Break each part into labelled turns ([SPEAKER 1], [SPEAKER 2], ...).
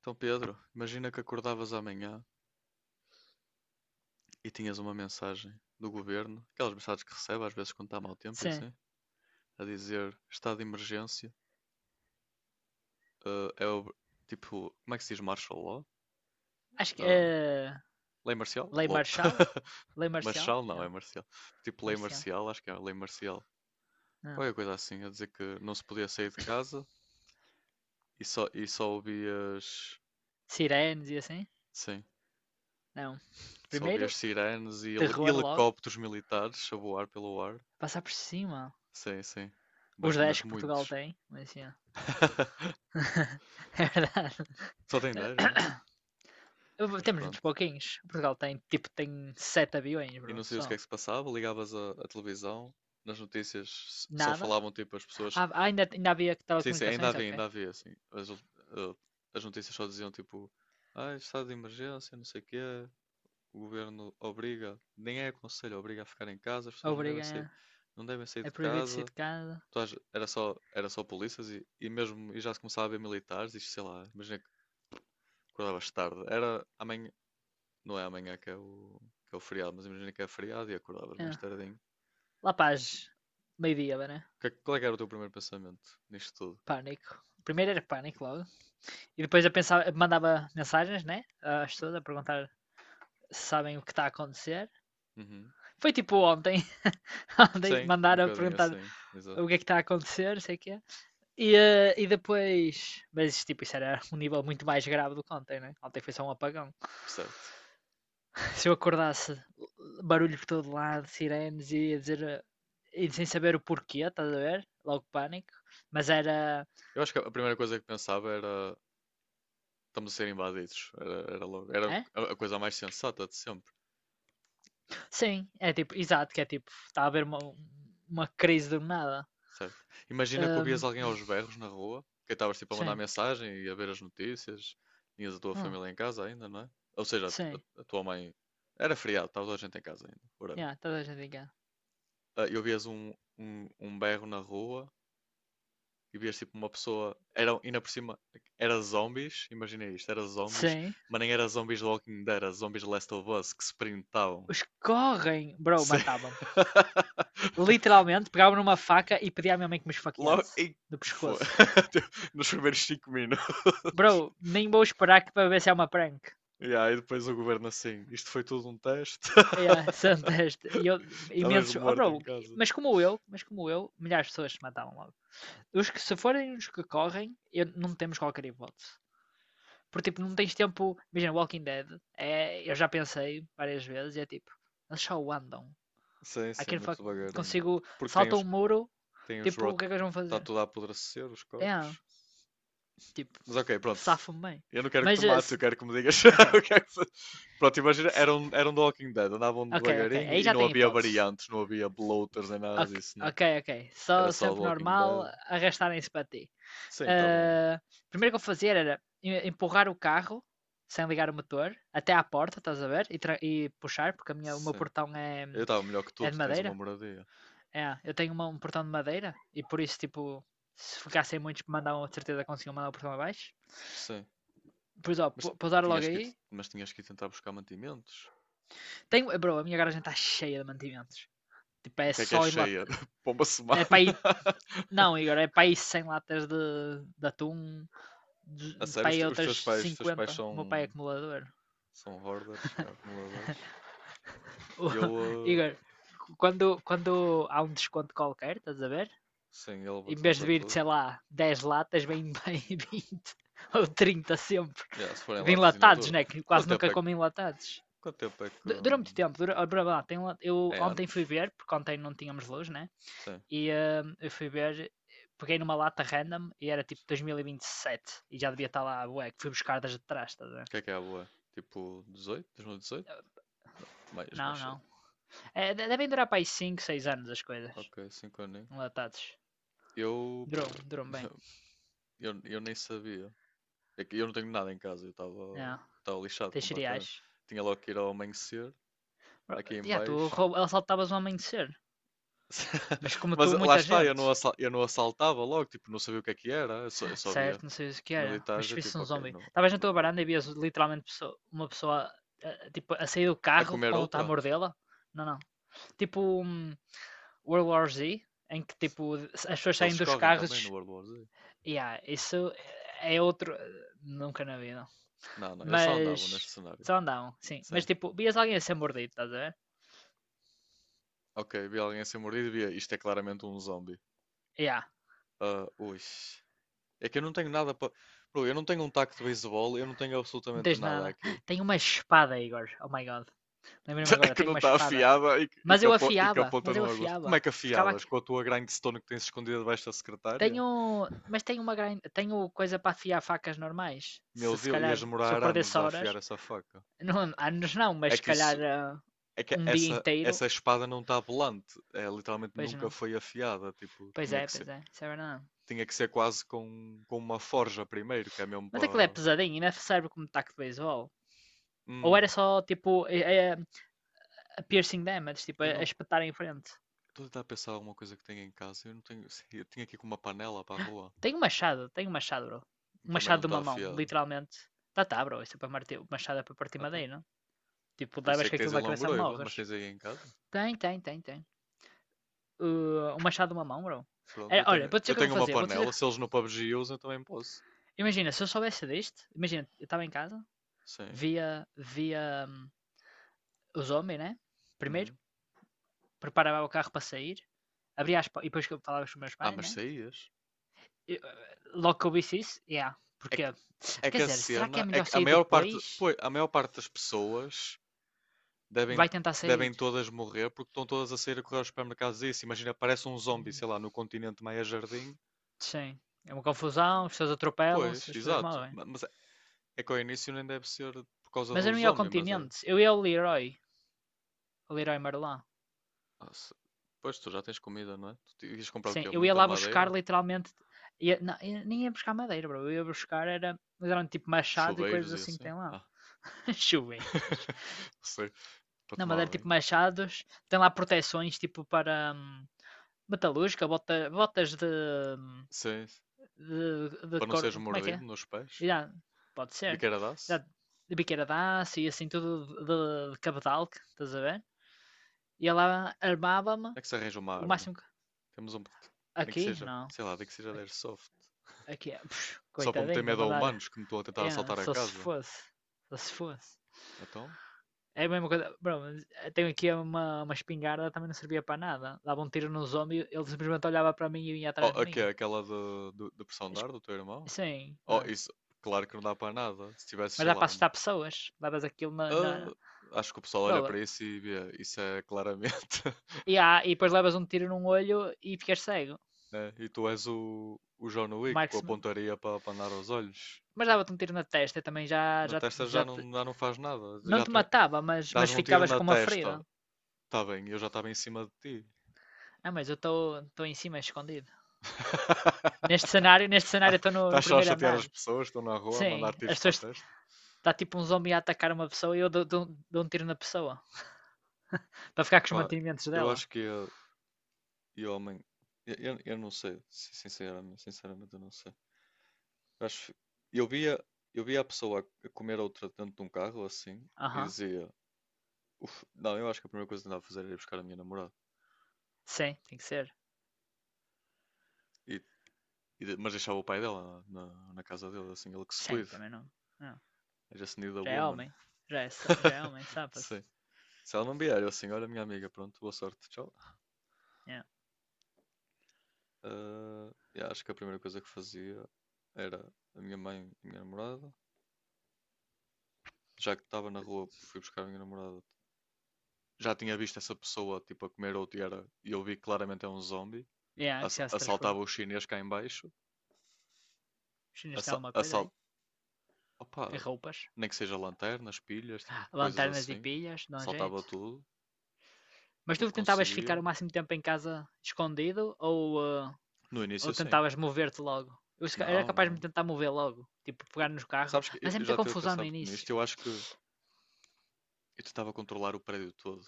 [SPEAKER 1] Então, Pedro, imagina que acordavas amanhã e tinhas uma mensagem do governo, aquelas mensagens que recebe às vezes quando está mau tempo e
[SPEAKER 2] Sim.
[SPEAKER 1] assim, a dizer estado de emergência, eh, é ob- tipo, como é que se diz martial law?
[SPEAKER 2] Acho que,
[SPEAKER 1] Eh, Lei marcial?
[SPEAKER 2] lei
[SPEAKER 1] LOL.
[SPEAKER 2] marcial? Lei marcial?
[SPEAKER 1] Marshall não,
[SPEAKER 2] Não,
[SPEAKER 1] é marcial. Tipo lei
[SPEAKER 2] marcial.
[SPEAKER 1] marcial, acho que é lei marcial.
[SPEAKER 2] Não.
[SPEAKER 1] Qualquer coisa assim, a dizer que não se podia sair de casa e só ouvias,
[SPEAKER 2] Sirenes e assim?
[SPEAKER 1] sim,
[SPEAKER 2] Não.
[SPEAKER 1] só ouvias
[SPEAKER 2] Primeiro,
[SPEAKER 1] sirenes e
[SPEAKER 2] terror logo.
[SPEAKER 1] helicópteros militares a voar pelo ar.
[SPEAKER 2] Passar por cima.
[SPEAKER 1] Sim, sim. Mas,
[SPEAKER 2] Os 10
[SPEAKER 1] mas
[SPEAKER 2] que Portugal
[SPEAKER 1] muitos.
[SPEAKER 2] tem. Mas assim, ó. É verdade.
[SPEAKER 1] Só tem 10 mesmo? Mas
[SPEAKER 2] Temos muitos
[SPEAKER 1] pronto.
[SPEAKER 2] pouquinhos. Portugal tem, tipo, tem 7 aviões,
[SPEAKER 1] E
[SPEAKER 2] bro.
[SPEAKER 1] não sabias o que é
[SPEAKER 2] Só.
[SPEAKER 1] que se passava, ligavas à televisão, nas notícias só
[SPEAKER 2] Nada.
[SPEAKER 1] falavam tipo as pessoas.
[SPEAKER 2] Ah, ah, ainda havia
[SPEAKER 1] Sim, sim,
[SPEAKER 2] telecomunicações? Ok.
[SPEAKER 1] ainda havia, assim. Eh, as notícias só diziam tipo, ah, estado de emergência, não sei o quê, o governo obriga, nem é aconselho, obriga a ficar em casa, as pessoas não devem sair,
[SPEAKER 2] Obriga.
[SPEAKER 1] não devem sair
[SPEAKER 2] É
[SPEAKER 1] de
[SPEAKER 2] proibido sair
[SPEAKER 1] casa.
[SPEAKER 2] de casa.
[SPEAKER 1] Era só polícias e mesmo e já se começava a ver militares, isto sei lá, imagina que acordavas tarde, era amanhã. Não é amanhã que é que é o feriado, mas imagina que é feriado e acordavas mais
[SPEAKER 2] É.
[SPEAKER 1] tardinho.
[SPEAKER 2] Lá para as meio-dia, né?
[SPEAKER 1] Qual é que era o teu primeiro pensamento nisto tudo?
[SPEAKER 2] Pânico. Primeiro era pânico logo. E depois eu pensava, mandava mensagens, né? Às pessoas a perguntar se sabem o que está a acontecer.
[SPEAKER 1] Uhum.
[SPEAKER 2] Foi tipo ontem, ontem
[SPEAKER 1] Sim, um
[SPEAKER 2] mandaram a
[SPEAKER 1] bocadinho
[SPEAKER 2] perguntar
[SPEAKER 1] assim,
[SPEAKER 2] o que é
[SPEAKER 1] exato.
[SPEAKER 2] que está a acontecer, sei o que é. E depois. Mas tipo, isso era um nível muito mais grave do que ontem, né? Ontem foi só um apagão.
[SPEAKER 1] Certo.
[SPEAKER 2] Se eu acordasse barulho por todo lado, sirenes e ia dizer, e sem saber o porquê, estás a ver? Logo pânico. Mas era.
[SPEAKER 1] Eu acho que a primeira coisa que pensava era estamos a ser invadidos. Era, era logo, era
[SPEAKER 2] É?
[SPEAKER 1] a coisa mais sensata de sempre,
[SPEAKER 2] Sim, é tipo, exato, que é tipo, está a haver uma crise do nada.
[SPEAKER 1] certo? Imagina que ouvias
[SPEAKER 2] Ahm,
[SPEAKER 1] alguém aos berros na rua, que estavas tipo a mandar
[SPEAKER 2] sim.
[SPEAKER 1] mensagem e a ver as notícias, tinhas a tua
[SPEAKER 2] Hum,
[SPEAKER 1] família em casa ainda, não é? Ou seja,
[SPEAKER 2] sim.
[SPEAKER 1] a tua mãe. Era feriado, estava toda a gente em casa ainda, whatever.
[SPEAKER 2] Yeah, toda a gente em.
[SPEAKER 1] Ah, eu vias um berro na rua e vias tipo uma pessoa. Era, ainda por cima, era zombies, imagina isto, era zombies,
[SPEAKER 2] Sim.
[SPEAKER 1] mas nem era zombies de Walking Dead, era zombies de Last of Us que se printavam.
[SPEAKER 2] Os que correm, bro,
[SPEAKER 1] Se-
[SPEAKER 2] matava-me. Literalmente, pegava numa faca e pedia à minha mãe que me
[SPEAKER 1] Logo,
[SPEAKER 2] esfaqueasse.
[SPEAKER 1] e
[SPEAKER 2] Do
[SPEAKER 1] foi.
[SPEAKER 2] pescoço.
[SPEAKER 1] Nos primeiros 5 minutos.
[SPEAKER 2] Bro, nem vou esperar que para ver se é uma prank.
[SPEAKER 1] Yeah, e depois o governo assim, isto foi tudo um teste.
[SPEAKER 2] Yeah, são este, e eu,
[SPEAKER 1] Estavas
[SPEAKER 2] imensos. Oh,
[SPEAKER 1] morto
[SPEAKER 2] bro,
[SPEAKER 1] em casa.
[SPEAKER 2] mas como eu, milhares de pessoas se matavam logo. Os que se forem os que correm, eu, não temos qualquer hipótese. Porque, tipo, não tens tempo. Imagina, Walking Dead. É, eu já pensei várias vezes e é tipo, eles só andam.
[SPEAKER 1] Sim,
[SPEAKER 2] I
[SPEAKER 1] sim,
[SPEAKER 2] can
[SPEAKER 1] muito
[SPEAKER 2] fuck.
[SPEAKER 1] devagarinho.
[SPEAKER 2] Consigo.
[SPEAKER 1] Porque tem
[SPEAKER 2] Salta um muro.
[SPEAKER 1] tem os
[SPEAKER 2] Tipo, o
[SPEAKER 1] rot...
[SPEAKER 2] que é que eles vão
[SPEAKER 1] Está
[SPEAKER 2] fazer?
[SPEAKER 1] tudo a apodrecer, os
[SPEAKER 2] É. Yeah,
[SPEAKER 1] corpos.
[SPEAKER 2] tipo,
[SPEAKER 1] Mas ok, pronto.
[SPEAKER 2] safo-me bem.
[SPEAKER 1] Eu não quero que
[SPEAKER 2] Mas,
[SPEAKER 1] tu mates, eu quero que me digas. o
[SPEAKER 2] ok.
[SPEAKER 1] que é que Pronto, imagina, eram, eram The Walking Dead, andavam
[SPEAKER 2] Ok, ok.
[SPEAKER 1] devagarinho
[SPEAKER 2] Aí
[SPEAKER 1] e
[SPEAKER 2] já
[SPEAKER 1] não
[SPEAKER 2] tem
[SPEAKER 1] havia
[SPEAKER 2] hipóteses.
[SPEAKER 1] variantes, não havia bloaters nem nada
[SPEAKER 2] Ok,
[SPEAKER 1] disso, né?
[SPEAKER 2] ok, ok.
[SPEAKER 1] Era
[SPEAKER 2] Só
[SPEAKER 1] só The
[SPEAKER 2] sempre
[SPEAKER 1] Walking Dead.
[SPEAKER 2] normal arrastarem-se para ti.
[SPEAKER 1] Sim, estavam.
[SPEAKER 2] Ah, primeiro que eu fazia era empurrar o carro sem ligar o motor até à porta, estás a ver? E, e puxar, porque a minha, o meu
[SPEAKER 1] Sim.
[SPEAKER 2] portão é,
[SPEAKER 1] Eu estava melhor que tu,
[SPEAKER 2] é de
[SPEAKER 1] tu tens uma
[SPEAKER 2] madeira.
[SPEAKER 1] moradia.
[SPEAKER 2] É, eu tenho um portão de madeira e por isso, tipo, se ficassem muitos que mandavam, de certeza conseguiam mandar o portão abaixo.
[SPEAKER 1] Sim.
[SPEAKER 2] Pois ó,
[SPEAKER 1] Mas
[SPEAKER 2] pousar
[SPEAKER 1] tinhas
[SPEAKER 2] logo
[SPEAKER 1] que,
[SPEAKER 2] aí.
[SPEAKER 1] mas tinhas que ir tentar buscar mantimentos.
[SPEAKER 2] Tenho, bro, a minha garagem está cheia de mantimentos. Tipo,
[SPEAKER 1] O
[SPEAKER 2] é
[SPEAKER 1] que é
[SPEAKER 2] só em lata.
[SPEAKER 1] cheia? Para uma
[SPEAKER 2] É para
[SPEAKER 1] semana?
[SPEAKER 2] ir. Não, Igor, é para aí 100 latas de atum,
[SPEAKER 1] A sério,
[SPEAKER 2] para aí outras
[SPEAKER 1] os teus pais
[SPEAKER 2] 50. O meu pai
[SPEAKER 1] são,
[SPEAKER 2] é acumulador.
[SPEAKER 1] são hoarders, são acumuladores. Eu,
[SPEAKER 2] Igor, quando há um desconto qualquer, estás a ver?
[SPEAKER 1] sim, ele
[SPEAKER 2] Em vez de
[SPEAKER 1] compra
[SPEAKER 2] vir,
[SPEAKER 1] tudo.
[SPEAKER 2] sei lá, 10 latas, vem bem 20 ou 30 sempre.
[SPEAKER 1] Yeah, se for em
[SPEAKER 2] De
[SPEAKER 1] latas e na
[SPEAKER 2] enlatados,
[SPEAKER 1] dura.
[SPEAKER 2] né? Que
[SPEAKER 1] Quanto
[SPEAKER 2] quase
[SPEAKER 1] tempo
[SPEAKER 2] nunca
[SPEAKER 1] é,
[SPEAKER 2] comem enlatados.
[SPEAKER 1] quanto tempo é que.
[SPEAKER 2] Dura muito tempo, dura lá, tem, eu
[SPEAKER 1] É
[SPEAKER 2] ontem fui
[SPEAKER 1] anos?
[SPEAKER 2] ver, porque ontem não tínhamos luz, né?
[SPEAKER 1] Sim.
[SPEAKER 2] E eu fui ver, peguei numa lata random e era tipo dois mil e vinte e sete, e já devia estar lá, ué, que fui buscar das de trás, estás a.
[SPEAKER 1] O que é a boa? Tipo 18? 2018? Não, mais
[SPEAKER 2] Não,
[SPEAKER 1] cedo.
[SPEAKER 2] não. É, devem durar para aí 5, 6 anos as coisas,
[SPEAKER 1] Ok, 5 aninhos.
[SPEAKER 2] enlatados.
[SPEAKER 1] Eu,
[SPEAKER 2] Duram, duram bem.
[SPEAKER 1] eu. Eu nem sabia. É que eu não tenho nada em casa, eu estava
[SPEAKER 2] Não,
[SPEAKER 1] estava lixado
[SPEAKER 2] tens
[SPEAKER 1] completamente.
[SPEAKER 2] cereais.
[SPEAKER 1] Tinha logo que ir ao amanhecer, aqui em
[SPEAKER 2] Já, tu
[SPEAKER 1] baixo.
[SPEAKER 2] assaltavas o amanhecer. Mas como
[SPEAKER 1] Mas
[SPEAKER 2] matou
[SPEAKER 1] lá
[SPEAKER 2] muita
[SPEAKER 1] está, eu
[SPEAKER 2] gente.
[SPEAKER 1] não, eu não assaltava logo, tipo, não sabia o que é que era, eu só via
[SPEAKER 2] Certo, não sei o que era, mas
[SPEAKER 1] militares,
[SPEAKER 2] se
[SPEAKER 1] é
[SPEAKER 2] visse
[SPEAKER 1] tipo,
[SPEAKER 2] um
[SPEAKER 1] ok,
[SPEAKER 2] zombie.
[SPEAKER 1] não,
[SPEAKER 2] Estavas na tua
[SPEAKER 1] não vou.
[SPEAKER 2] varanda e vias literalmente uma pessoa, tipo, a sair do
[SPEAKER 1] A
[SPEAKER 2] carro
[SPEAKER 1] comer
[SPEAKER 2] com outra a
[SPEAKER 1] outra?
[SPEAKER 2] mordê-la. Não, não. Tipo um World War Z, em que tipo as pessoas saem
[SPEAKER 1] Eles
[SPEAKER 2] dos
[SPEAKER 1] correm também no
[SPEAKER 2] carros.
[SPEAKER 1] World War Z?
[SPEAKER 2] Yeah, isso é outro. Nunca na vida.
[SPEAKER 1] Não, não. Eles só andavam
[SPEAKER 2] Mas.
[SPEAKER 1] neste cenário.
[SPEAKER 2] Só andavam, sim. Mas
[SPEAKER 1] Sim.
[SPEAKER 2] tipo, vias alguém a ser mordido, estás a ver?
[SPEAKER 1] Ok, vi alguém a ser mordido e vi. Isto é claramente um zombie.
[SPEAKER 2] Yeah,
[SPEAKER 1] Ah, ui. É que eu não tenho nada para. Eu não tenho um taco de beisebol, eu não tenho
[SPEAKER 2] não
[SPEAKER 1] absolutamente
[SPEAKER 2] tens
[SPEAKER 1] nada
[SPEAKER 2] nada.
[SPEAKER 1] aqui.
[SPEAKER 2] Tenho uma espada, Igor. Oh my god. Lembrei-me agora,
[SPEAKER 1] Que
[SPEAKER 2] tenho
[SPEAKER 1] não
[SPEAKER 2] uma
[SPEAKER 1] está
[SPEAKER 2] espada.
[SPEAKER 1] afiada
[SPEAKER 2] Mas eu
[SPEAKER 1] e que
[SPEAKER 2] afiava,
[SPEAKER 1] aponta
[SPEAKER 2] mas eu
[SPEAKER 1] no agudo. Como é
[SPEAKER 2] afiava.
[SPEAKER 1] que
[SPEAKER 2] Ficava
[SPEAKER 1] afiavas?
[SPEAKER 2] aqui.
[SPEAKER 1] Com a tua grindstone que tens escondida debaixo da secretária?
[SPEAKER 2] Tenho, mas tenho tenho coisa para afiar facas normais. Se
[SPEAKER 1] Meu
[SPEAKER 2] se
[SPEAKER 1] Deus,
[SPEAKER 2] calhar,
[SPEAKER 1] ias
[SPEAKER 2] se eu
[SPEAKER 1] demorar anos
[SPEAKER 2] perdesse
[SPEAKER 1] a
[SPEAKER 2] horas,
[SPEAKER 1] afiar essa faca.
[SPEAKER 2] não, anos não, mas
[SPEAKER 1] É
[SPEAKER 2] se
[SPEAKER 1] que
[SPEAKER 2] calhar,
[SPEAKER 1] isso, é que
[SPEAKER 2] um dia
[SPEAKER 1] essa,
[SPEAKER 2] inteiro,
[SPEAKER 1] essa espada não está volante. É, literalmente
[SPEAKER 2] pois
[SPEAKER 1] nunca
[SPEAKER 2] não.
[SPEAKER 1] foi afiada. Tipo, tinha que ser.
[SPEAKER 2] Pois é, isso é verdade.
[SPEAKER 1] Tinha que ser quase com uma forja primeiro, que é mesmo
[SPEAKER 2] Mas aquilo é
[SPEAKER 1] para.
[SPEAKER 2] pesadinho, ainda serve como um taco de beisebol. Ou era
[SPEAKER 1] Hum,
[SPEAKER 2] só tipo é, a piercing damage, tipo a,
[SPEAKER 1] eu
[SPEAKER 2] a
[SPEAKER 1] não.
[SPEAKER 2] espetar em frente.
[SPEAKER 1] Estou a tentar pensar alguma coisa que tenha em casa. Eu não tenho. Eu tinha aqui com uma panela para a rua.
[SPEAKER 2] Tenho um machado, bro. Um
[SPEAKER 1] Também não
[SPEAKER 2] machado de
[SPEAKER 1] está
[SPEAKER 2] uma mão,
[SPEAKER 1] afiada.
[SPEAKER 2] literalmente. Tá, tá, bro, isso é para martir, machado é para partir
[SPEAKER 1] Ah tá.
[SPEAKER 2] madeira. Não. Tipo,
[SPEAKER 1] Eu sei
[SPEAKER 2] levas
[SPEAKER 1] que
[SPEAKER 2] com
[SPEAKER 1] tens
[SPEAKER 2] aquilo
[SPEAKER 1] aí
[SPEAKER 2] na cabeça e
[SPEAKER 1] longoroiva,
[SPEAKER 2] morres.
[SPEAKER 1] mas tens aí em casa.
[SPEAKER 2] Tem, tem, tem, tem. Um machado numa mão, bro.
[SPEAKER 1] Pronto,
[SPEAKER 2] Era, olha, vou dizer
[SPEAKER 1] eu
[SPEAKER 2] o que é que eu
[SPEAKER 1] tenho uma
[SPEAKER 2] fazia. Vou fazer.
[SPEAKER 1] panela.
[SPEAKER 2] Vou-te
[SPEAKER 1] Se eles
[SPEAKER 2] dizer.
[SPEAKER 1] no PUBG usam, eu também posso.
[SPEAKER 2] Imagina, se eu soubesse deste, imagina, eu estava em casa,
[SPEAKER 1] Sim.
[SPEAKER 2] via os homens, né? Primeiro,
[SPEAKER 1] Uhum.
[SPEAKER 2] preparava o carro para sair, abria e depois que eu falava com os meus
[SPEAKER 1] Ah,
[SPEAKER 2] pais,
[SPEAKER 1] mas
[SPEAKER 2] né?
[SPEAKER 1] saías.
[SPEAKER 2] E, logo que eu visse isso, yeah.
[SPEAKER 1] É
[SPEAKER 2] Porque,
[SPEAKER 1] que, é
[SPEAKER 2] quer
[SPEAKER 1] que a
[SPEAKER 2] dizer, será que é
[SPEAKER 1] cena. É
[SPEAKER 2] melhor
[SPEAKER 1] que a
[SPEAKER 2] sair
[SPEAKER 1] maior parte.
[SPEAKER 2] depois?
[SPEAKER 1] Pois, a maior parte das pessoas devem,
[SPEAKER 2] Vai tentar sair.
[SPEAKER 1] devem todas morrer porque estão todas a sair a correr aos supermercados e isso. Imagina, parece um zombie,
[SPEAKER 2] Hum,
[SPEAKER 1] sei lá, no continente Maia Jardim.
[SPEAKER 2] sim. É uma confusão, as pessoas
[SPEAKER 1] Pois,
[SPEAKER 2] atropelam-se, as pessoas
[SPEAKER 1] exato.
[SPEAKER 2] morrem.
[SPEAKER 1] Mas é é que ao início nem deve ser por causa
[SPEAKER 2] Mas
[SPEAKER 1] do
[SPEAKER 2] eu não ia ao
[SPEAKER 1] zombie, mas é.
[SPEAKER 2] continente, eu ia ao Leroy Merlin.
[SPEAKER 1] Ah, se- Pois tu já tens comida, não é? Tu ias comprar o
[SPEAKER 2] Sim,
[SPEAKER 1] quê?
[SPEAKER 2] eu ia
[SPEAKER 1] Muita
[SPEAKER 2] lá buscar
[SPEAKER 1] madeira?
[SPEAKER 2] literalmente. Não, nem ia buscar madeira, bro. Eu ia buscar era, mas eram tipo machados e coisas
[SPEAKER 1] Chuveiros e
[SPEAKER 2] assim que
[SPEAKER 1] assim?
[SPEAKER 2] tem lá.
[SPEAKER 1] Ah,
[SPEAKER 2] Chuveiras.
[SPEAKER 1] não sei. Para
[SPEAKER 2] Não,
[SPEAKER 1] tomar
[SPEAKER 2] madeira tipo
[SPEAKER 1] bem.
[SPEAKER 2] machados. Tem lá proteções tipo para metalúrgica, botas de,
[SPEAKER 1] Sim, sim.
[SPEAKER 2] de, de
[SPEAKER 1] Para não
[SPEAKER 2] cor.
[SPEAKER 1] seres
[SPEAKER 2] Como é que
[SPEAKER 1] mordido
[SPEAKER 2] é?
[SPEAKER 1] nos pés.
[SPEAKER 2] Já, pode ser.
[SPEAKER 1] Biqueira
[SPEAKER 2] Já,
[SPEAKER 1] dá-se?
[SPEAKER 2] de biqueira de aço e assim tudo de cabedal, estás a ver? E ela armava-me
[SPEAKER 1] É que se arranja uma
[SPEAKER 2] o
[SPEAKER 1] arma.
[SPEAKER 2] máximo que.
[SPEAKER 1] Temos um. Nem que
[SPEAKER 2] Aqui?
[SPEAKER 1] seja,
[SPEAKER 2] Não.
[SPEAKER 1] sei lá, nem que seja de airsoft.
[SPEAKER 2] Aqui é.
[SPEAKER 1] Só para meter
[SPEAKER 2] Coitadinho, a
[SPEAKER 1] medo a
[SPEAKER 2] mandar.
[SPEAKER 1] humanos que me estão a tentar
[SPEAKER 2] Yeah,
[SPEAKER 1] assaltar a
[SPEAKER 2] só se
[SPEAKER 1] casa.
[SPEAKER 2] fosse. Só se fosse.
[SPEAKER 1] Então?
[SPEAKER 2] É a mesma coisa. Bro, tenho aqui uma espingarda, também não servia para nada. Dava um tiro no zombie, ele simplesmente olhava para mim e vinha
[SPEAKER 1] Oh,
[SPEAKER 2] atrás de mim.
[SPEAKER 1] aquela do, do, do pressão de ar do teu irmão?
[SPEAKER 2] Sim,
[SPEAKER 1] Oh,
[SPEAKER 2] é.
[SPEAKER 1] isso, claro que não dá para nada. Se tivesse,
[SPEAKER 2] Mas
[SPEAKER 1] sei
[SPEAKER 2] dá
[SPEAKER 1] lá,
[SPEAKER 2] para
[SPEAKER 1] uma.
[SPEAKER 2] assustar pessoas. Levas aquilo na.
[SPEAKER 1] Ah, acho que o pessoal olha
[SPEAKER 2] Bro,
[SPEAKER 1] para isso e vê, isso é claramente.
[SPEAKER 2] e depois levas um tiro num olho e ficas cego.
[SPEAKER 1] né? E tu és o John Wick com a
[SPEAKER 2] Marksman.
[SPEAKER 1] pontaria para andar aos olhos.
[SPEAKER 2] Mas dava-te um tiro na testa e também já,
[SPEAKER 1] Na
[SPEAKER 2] já,
[SPEAKER 1] testa
[SPEAKER 2] já te-
[SPEAKER 1] já não faz nada.
[SPEAKER 2] não
[SPEAKER 1] Já
[SPEAKER 2] te
[SPEAKER 1] tu,
[SPEAKER 2] matava, mas
[SPEAKER 1] dás-me um tiro
[SPEAKER 2] ficavas
[SPEAKER 1] na
[SPEAKER 2] com uma
[SPEAKER 1] testa.
[SPEAKER 2] ferida.
[SPEAKER 1] Está bem, eu já estava em cima de ti.
[SPEAKER 2] Ah, mas eu estou em cima escondido. Neste
[SPEAKER 1] Ah,
[SPEAKER 2] cenário estou no
[SPEAKER 1] estás só a
[SPEAKER 2] primeiro
[SPEAKER 1] chatear
[SPEAKER 2] andar.
[SPEAKER 1] as pessoas que estão na rua a mandar
[SPEAKER 2] Sim,
[SPEAKER 1] tiros
[SPEAKER 2] as
[SPEAKER 1] para a
[SPEAKER 2] pessoas.
[SPEAKER 1] testa?
[SPEAKER 2] Está tipo um zombie a atacar uma pessoa e eu dou um tiro na pessoa. Para ficar com os
[SPEAKER 1] Opa,
[SPEAKER 2] mantimentos
[SPEAKER 1] eu
[SPEAKER 2] dela.
[SPEAKER 1] acho que ia, e homem, eu não sei, sinceramente, eu não sei. Acho, eu via, eu via a pessoa a comer a outra dentro de um carro assim e
[SPEAKER 2] Aham.
[SPEAKER 1] dizia, não, eu acho que a primeira coisa que andava a fazer era ir buscar a minha namorada.
[SPEAKER 2] Sim, tem que ser.
[SPEAKER 1] E, mas deixava o pai dela na, na casa dele, assim, ele que se
[SPEAKER 2] Sim,
[SPEAKER 1] cuide.
[SPEAKER 2] também não. Não.
[SPEAKER 1] I just need a
[SPEAKER 2] Já é
[SPEAKER 1] woman.
[SPEAKER 2] homem. Já é, já é homem, safa-se.
[SPEAKER 1] Sim. Se ela não vier, eu assim, olha minha amiga, pronto, boa sorte, tchau.
[SPEAKER 2] Yeah.
[SPEAKER 1] Ah, eu acho que a primeira coisa que fazia era a minha mãe e a minha namorada. Já que estava na rua, fui buscar a minha namorada, já tinha visto essa pessoa tipo a comer ou era e eu vi que claramente é um zombie.
[SPEAKER 2] Yeah, que já se transforma.
[SPEAKER 1] Assaltava o chinês cá em baixo.
[SPEAKER 2] Os chineses têm
[SPEAKER 1] Assa
[SPEAKER 2] alguma coisa
[SPEAKER 1] assal
[SPEAKER 2] aí. E
[SPEAKER 1] Opa,
[SPEAKER 2] roupas.
[SPEAKER 1] nem que seja lanternas, pilhas, tipo, coisas
[SPEAKER 2] Lanternas e
[SPEAKER 1] assim.
[SPEAKER 2] pilhas, dá um
[SPEAKER 1] Saltava
[SPEAKER 2] jeito.
[SPEAKER 1] tudo,
[SPEAKER 2] Mas
[SPEAKER 1] o que
[SPEAKER 2] tu tentavas ficar
[SPEAKER 1] conseguia.
[SPEAKER 2] o máximo tempo em casa escondido ou, eh,
[SPEAKER 1] No início,
[SPEAKER 2] ou
[SPEAKER 1] sim.
[SPEAKER 2] tentavas mover-te logo? Eu se ca- era
[SPEAKER 1] Não,
[SPEAKER 2] capaz de me
[SPEAKER 1] não.
[SPEAKER 2] tentar mover logo. Tipo, pegar no carro.
[SPEAKER 1] Sabes que eu
[SPEAKER 2] Mas é
[SPEAKER 1] eu já
[SPEAKER 2] muita
[SPEAKER 1] estive a
[SPEAKER 2] confusão
[SPEAKER 1] pensar
[SPEAKER 2] no
[SPEAKER 1] muito
[SPEAKER 2] início.
[SPEAKER 1] nisto. Eu acho que eu tentava controlar o prédio todo.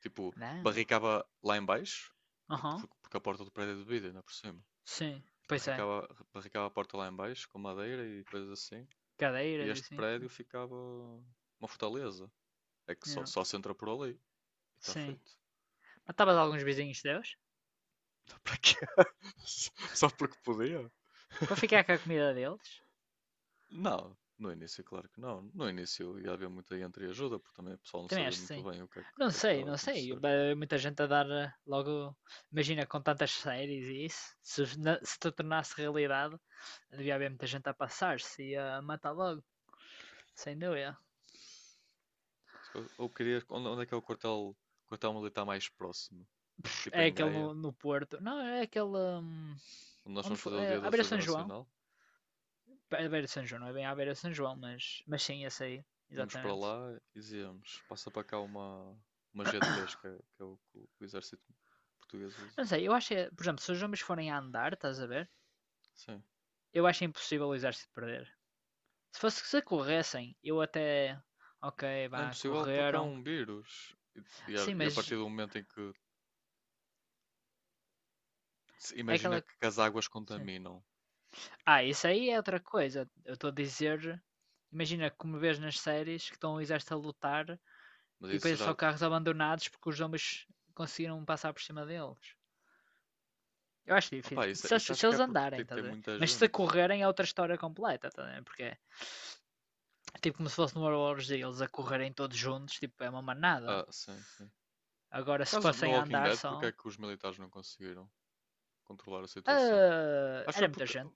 [SPEAKER 1] Tipo,
[SPEAKER 2] Não.
[SPEAKER 1] barricava lá em baixo,
[SPEAKER 2] Aham.
[SPEAKER 1] porque a porta do prédio é de vidro, ainda por cima.
[SPEAKER 2] Sim. Pois é.
[SPEAKER 1] Barricava, barricava a porta lá em baixo com madeira e coisas assim. E
[SPEAKER 2] Cadeiras e
[SPEAKER 1] este
[SPEAKER 2] assim.
[SPEAKER 1] prédio ficava uma fortaleza. É que só,
[SPEAKER 2] Não.
[SPEAKER 1] só se entra por ali. E está
[SPEAKER 2] Sim.
[SPEAKER 1] feito.
[SPEAKER 2] Matavas alguns vizinhos teus
[SPEAKER 1] Para quê? Só porque podia?
[SPEAKER 2] para ficar com a comida deles?
[SPEAKER 1] Não, no início, claro que não. No início ia haver muita entreajuda, porque também o pessoal não
[SPEAKER 2] Também
[SPEAKER 1] sabia
[SPEAKER 2] acho que
[SPEAKER 1] muito
[SPEAKER 2] sim.
[SPEAKER 1] bem o que é que, o
[SPEAKER 2] Não
[SPEAKER 1] que é que
[SPEAKER 2] sei,
[SPEAKER 1] estava a
[SPEAKER 2] não sei.
[SPEAKER 1] acontecer.
[SPEAKER 2] Muita gente a dar, logo. Imagina com tantas séries e isso. Se, os- na- se tu tornasse realidade, devia haver muita gente a passar-se e a matar logo, sem dúvida.
[SPEAKER 1] Ou queria. Onde, onde é que é quartel militar mais próximo? Tipo
[SPEAKER 2] É
[SPEAKER 1] em
[SPEAKER 2] aquele
[SPEAKER 1] Gaia,
[SPEAKER 2] no, no Porto. Não, é aquele.
[SPEAKER 1] onde nós
[SPEAKER 2] Onde
[SPEAKER 1] vamos
[SPEAKER 2] foi?
[SPEAKER 1] fazer o Dia
[SPEAKER 2] É,
[SPEAKER 1] da
[SPEAKER 2] à beira de
[SPEAKER 1] Defesa
[SPEAKER 2] São João.
[SPEAKER 1] Nacional.
[SPEAKER 2] É à beira de São João, não é bem à beira de São João, mas sim, esse aí.
[SPEAKER 1] Íamos para
[SPEAKER 2] Exatamente.
[SPEAKER 1] lá e dizíamos: passa para cá uma g três que é o que o exército português usa.
[SPEAKER 2] Não sei, eu acho que, por exemplo, se os homens forem a andar, estás a ver?
[SPEAKER 1] Sim.
[SPEAKER 2] Eu acho impossível o Exército perder. Se fosse, se corressem, eu até. Ok,
[SPEAKER 1] Não é
[SPEAKER 2] vá,
[SPEAKER 1] impossível porque é
[SPEAKER 2] correram.
[SPEAKER 1] um vírus. E,
[SPEAKER 2] Sim,
[SPEAKER 1] e a
[SPEAKER 2] mas
[SPEAKER 1] partir do momento em que se
[SPEAKER 2] é
[SPEAKER 1] imagina
[SPEAKER 2] aquela.
[SPEAKER 1] que, as águas
[SPEAKER 2] Sim.
[SPEAKER 1] contaminam.
[SPEAKER 2] Ah, isso aí é outra coisa. Eu estou a dizer. Imagina como vês nas séries que estão o exército a lutar
[SPEAKER 1] Mas
[SPEAKER 2] e depois
[SPEAKER 1] isso
[SPEAKER 2] é só
[SPEAKER 1] já.
[SPEAKER 2] carros abandonados porque os zombies conseguiram passar por cima deles. Eu acho difícil.
[SPEAKER 1] Opa, isso,
[SPEAKER 2] Se
[SPEAKER 1] isso
[SPEAKER 2] eles,
[SPEAKER 1] acho
[SPEAKER 2] se
[SPEAKER 1] que é
[SPEAKER 2] eles
[SPEAKER 1] porque tem,
[SPEAKER 2] andarem, tá a
[SPEAKER 1] tem
[SPEAKER 2] ver?
[SPEAKER 1] muita
[SPEAKER 2] Mas se
[SPEAKER 1] gente.
[SPEAKER 2] correrem é outra história completa, tá a ver? Porque é tipo como se fosse no World War Z, eles a correrem todos juntos, tipo, é uma manada.
[SPEAKER 1] Ah, sim, sim.
[SPEAKER 2] Agora,
[SPEAKER 1] Por
[SPEAKER 2] se
[SPEAKER 1] causa no
[SPEAKER 2] fossem a
[SPEAKER 1] Walking
[SPEAKER 2] andar
[SPEAKER 1] Dead, porque
[SPEAKER 2] só.
[SPEAKER 1] é que os militares não conseguiram controlar a situação?
[SPEAKER 2] Ah,
[SPEAKER 1] Acho que foi
[SPEAKER 2] era muita
[SPEAKER 1] porque.
[SPEAKER 2] gente.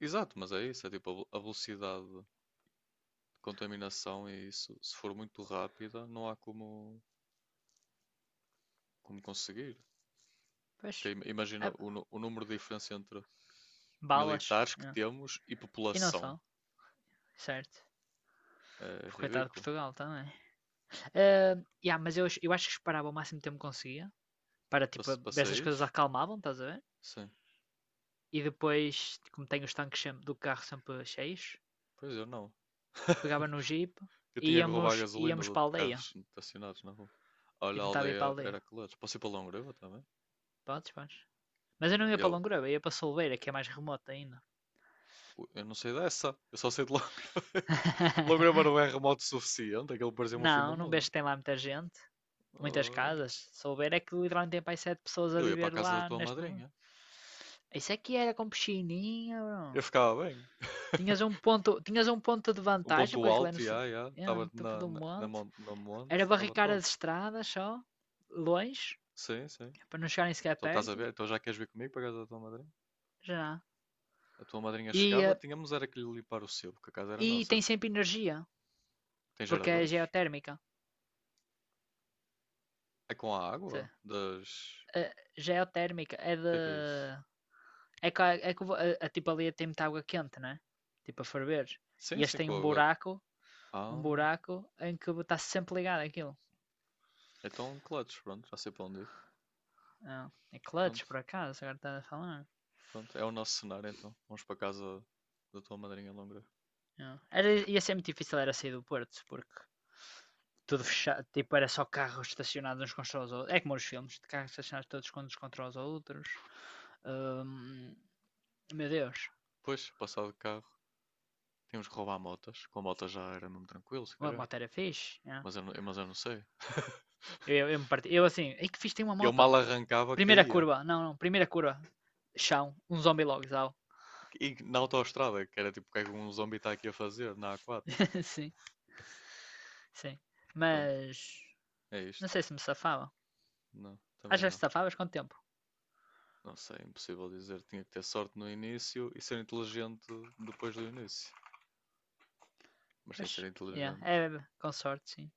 [SPEAKER 1] Exato, mas é isso. É tipo a velocidade de contaminação e isso. Se for muito rápida, não há como, como conseguir. Porque
[SPEAKER 2] Pois.
[SPEAKER 1] imagina
[SPEAKER 2] Ah,
[SPEAKER 1] o, o número de diferença entre
[SPEAKER 2] balas.
[SPEAKER 1] militares que
[SPEAKER 2] Yeah.
[SPEAKER 1] temos e
[SPEAKER 2] E não
[SPEAKER 1] população.
[SPEAKER 2] só, certo?
[SPEAKER 1] É
[SPEAKER 2] Porque coitado de
[SPEAKER 1] ridículo.
[SPEAKER 2] Portugal também. Ah, yeah, mas eu acho que esperava o máximo tempo que conseguia. Para
[SPEAKER 1] Para,
[SPEAKER 2] tipo,
[SPEAKER 1] para
[SPEAKER 2] ver se as coisas
[SPEAKER 1] saíres?
[SPEAKER 2] acalmavam, estás a ver?
[SPEAKER 1] Sim.
[SPEAKER 2] E depois, como tenho os tanques do carro sempre cheios,
[SPEAKER 1] Pois eu não.
[SPEAKER 2] pegava no jeep
[SPEAKER 1] Eu
[SPEAKER 2] e
[SPEAKER 1] tinha que roubar a
[SPEAKER 2] íamos,
[SPEAKER 1] gasolina
[SPEAKER 2] íamos para a
[SPEAKER 1] de
[SPEAKER 2] aldeia.
[SPEAKER 1] carros estacionados na rua.
[SPEAKER 2] E
[SPEAKER 1] Olha, a
[SPEAKER 2] tentava ir para a
[SPEAKER 1] aldeia
[SPEAKER 2] aldeia.
[SPEAKER 1] era clutch. Posso ir para Longreva também?
[SPEAKER 2] Podes, podes. Mas eu
[SPEAKER 1] Yeah,
[SPEAKER 2] não ia para
[SPEAKER 1] Eu,
[SPEAKER 2] Longroba, ia para Solveira, que é mais remoto ainda.
[SPEAKER 1] eu não sei dessa. Eu só sei de Longreva. Longreva não é remoto o suficiente. Aquilo parecia-me o fim do
[SPEAKER 2] Não, não
[SPEAKER 1] mundo.
[SPEAKER 2] vejo que tem lá muita gente. Muitas
[SPEAKER 1] Ah,
[SPEAKER 2] casas. Se souber é que literalmente tem para aí sete pessoas a
[SPEAKER 1] eu ia para a
[SPEAKER 2] viver
[SPEAKER 1] casa da
[SPEAKER 2] lá
[SPEAKER 1] tua
[SPEAKER 2] neste mundo.
[SPEAKER 1] madrinha.
[SPEAKER 2] Isso é que era com piscininha,
[SPEAKER 1] Eu
[SPEAKER 2] bro.
[SPEAKER 1] ficava bem.
[SPEAKER 2] Tinhas um ponto de
[SPEAKER 1] Um
[SPEAKER 2] vantagem,
[SPEAKER 1] ponto
[SPEAKER 2] porque aquilo é
[SPEAKER 1] alto, e já, já.
[SPEAKER 2] é
[SPEAKER 1] Estava
[SPEAKER 2] no topo
[SPEAKER 1] na,
[SPEAKER 2] do
[SPEAKER 1] na,
[SPEAKER 2] monte.
[SPEAKER 1] no monte.
[SPEAKER 2] Era
[SPEAKER 1] Estava
[SPEAKER 2] barricar
[SPEAKER 1] top.
[SPEAKER 2] as estradas só, longe,
[SPEAKER 1] Sim, sim.
[SPEAKER 2] para não chegarem sequer
[SPEAKER 1] Então estás a
[SPEAKER 2] perto.
[SPEAKER 1] ver? Então já queres vir comigo para a casa da tua madrinha?
[SPEAKER 2] Já.
[SPEAKER 1] A tua madrinha
[SPEAKER 2] E,
[SPEAKER 1] chegava,
[SPEAKER 2] eh,
[SPEAKER 1] tínhamos era que lhe limpar o sebo, porque a casa era
[SPEAKER 2] e
[SPEAKER 1] nossa.
[SPEAKER 2] tem sempre energia,
[SPEAKER 1] Tem
[SPEAKER 2] porque é
[SPEAKER 1] geradores?
[SPEAKER 2] geotérmica.
[SPEAKER 1] É com a
[SPEAKER 2] Se-
[SPEAKER 1] água? Das.
[SPEAKER 2] Geotérmica é
[SPEAKER 1] O
[SPEAKER 2] de.
[SPEAKER 1] que é isso?
[SPEAKER 2] É que, é que tipo ali tem muita água quente, né? Tipo a ferver. E
[SPEAKER 1] Sim,
[SPEAKER 2] este
[SPEAKER 1] sim,
[SPEAKER 2] tem
[SPEAKER 1] com
[SPEAKER 2] um
[SPEAKER 1] a água.
[SPEAKER 2] buraco um
[SPEAKER 1] Ah,
[SPEAKER 2] buraco em que está sempre ligado aquilo.
[SPEAKER 1] então clutch, pronto, já sei para onde ir.
[SPEAKER 2] Ah, é clutch,
[SPEAKER 1] Pronto,
[SPEAKER 2] por acaso, agora está a falar.
[SPEAKER 1] pronto, é o nosso cenário então. Vamos para a casa da tua madrinha longa.
[SPEAKER 2] Ah. Era, ia ser muito difícil era sair do Porto, porque tudo
[SPEAKER 1] É.
[SPEAKER 2] fechado, tipo, era só carros estacionados uns contra os outros. É como os filmes, de carros estacionados todos uns contra os outros. Hum, Meu Deus,
[SPEAKER 1] Pois, passar de carro, tínhamos que roubar motas. Com a mota já era mesmo tranquilo, se
[SPEAKER 2] a
[SPEAKER 1] calhar.
[SPEAKER 2] moto era fixe. Yeah.
[SPEAKER 1] Mas eu, mas eu não sei.
[SPEAKER 2] Eu me parti, eu assim, ei que fixe, tem uma
[SPEAKER 1] Eu
[SPEAKER 2] moto.
[SPEAKER 1] mal arrancava,
[SPEAKER 2] Primeira
[SPEAKER 1] caía.
[SPEAKER 2] curva, não, não, primeira curva. Chão, um zombie logo, zau.
[SPEAKER 1] E na autoestrada, que era tipo o que é que um zombi está aqui a fazer, na A4.
[SPEAKER 2] Sim, sim.
[SPEAKER 1] Mas pronto,
[SPEAKER 2] Mas,
[SPEAKER 1] é
[SPEAKER 2] não
[SPEAKER 1] isto.
[SPEAKER 2] sei se me safava.
[SPEAKER 1] Não,
[SPEAKER 2] Ah,
[SPEAKER 1] também
[SPEAKER 2] já que
[SPEAKER 1] não.
[SPEAKER 2] safavas? Quanto tempo?
[SPEAKER 1] Não sei, é impossível dizer. Tinha que ter sorte no início e ser inteligente depois do início. Mas sem ser
[SPEAKER 2] Pois, yeah.
[SPEAKER 1] inteligente.
[SPEAKER 2] É, com sorte, sim.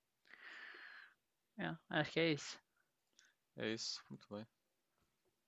[SPEAKER 2] Yeah, acho que é isso.
[SPEAKER 1] É isso, muito bem.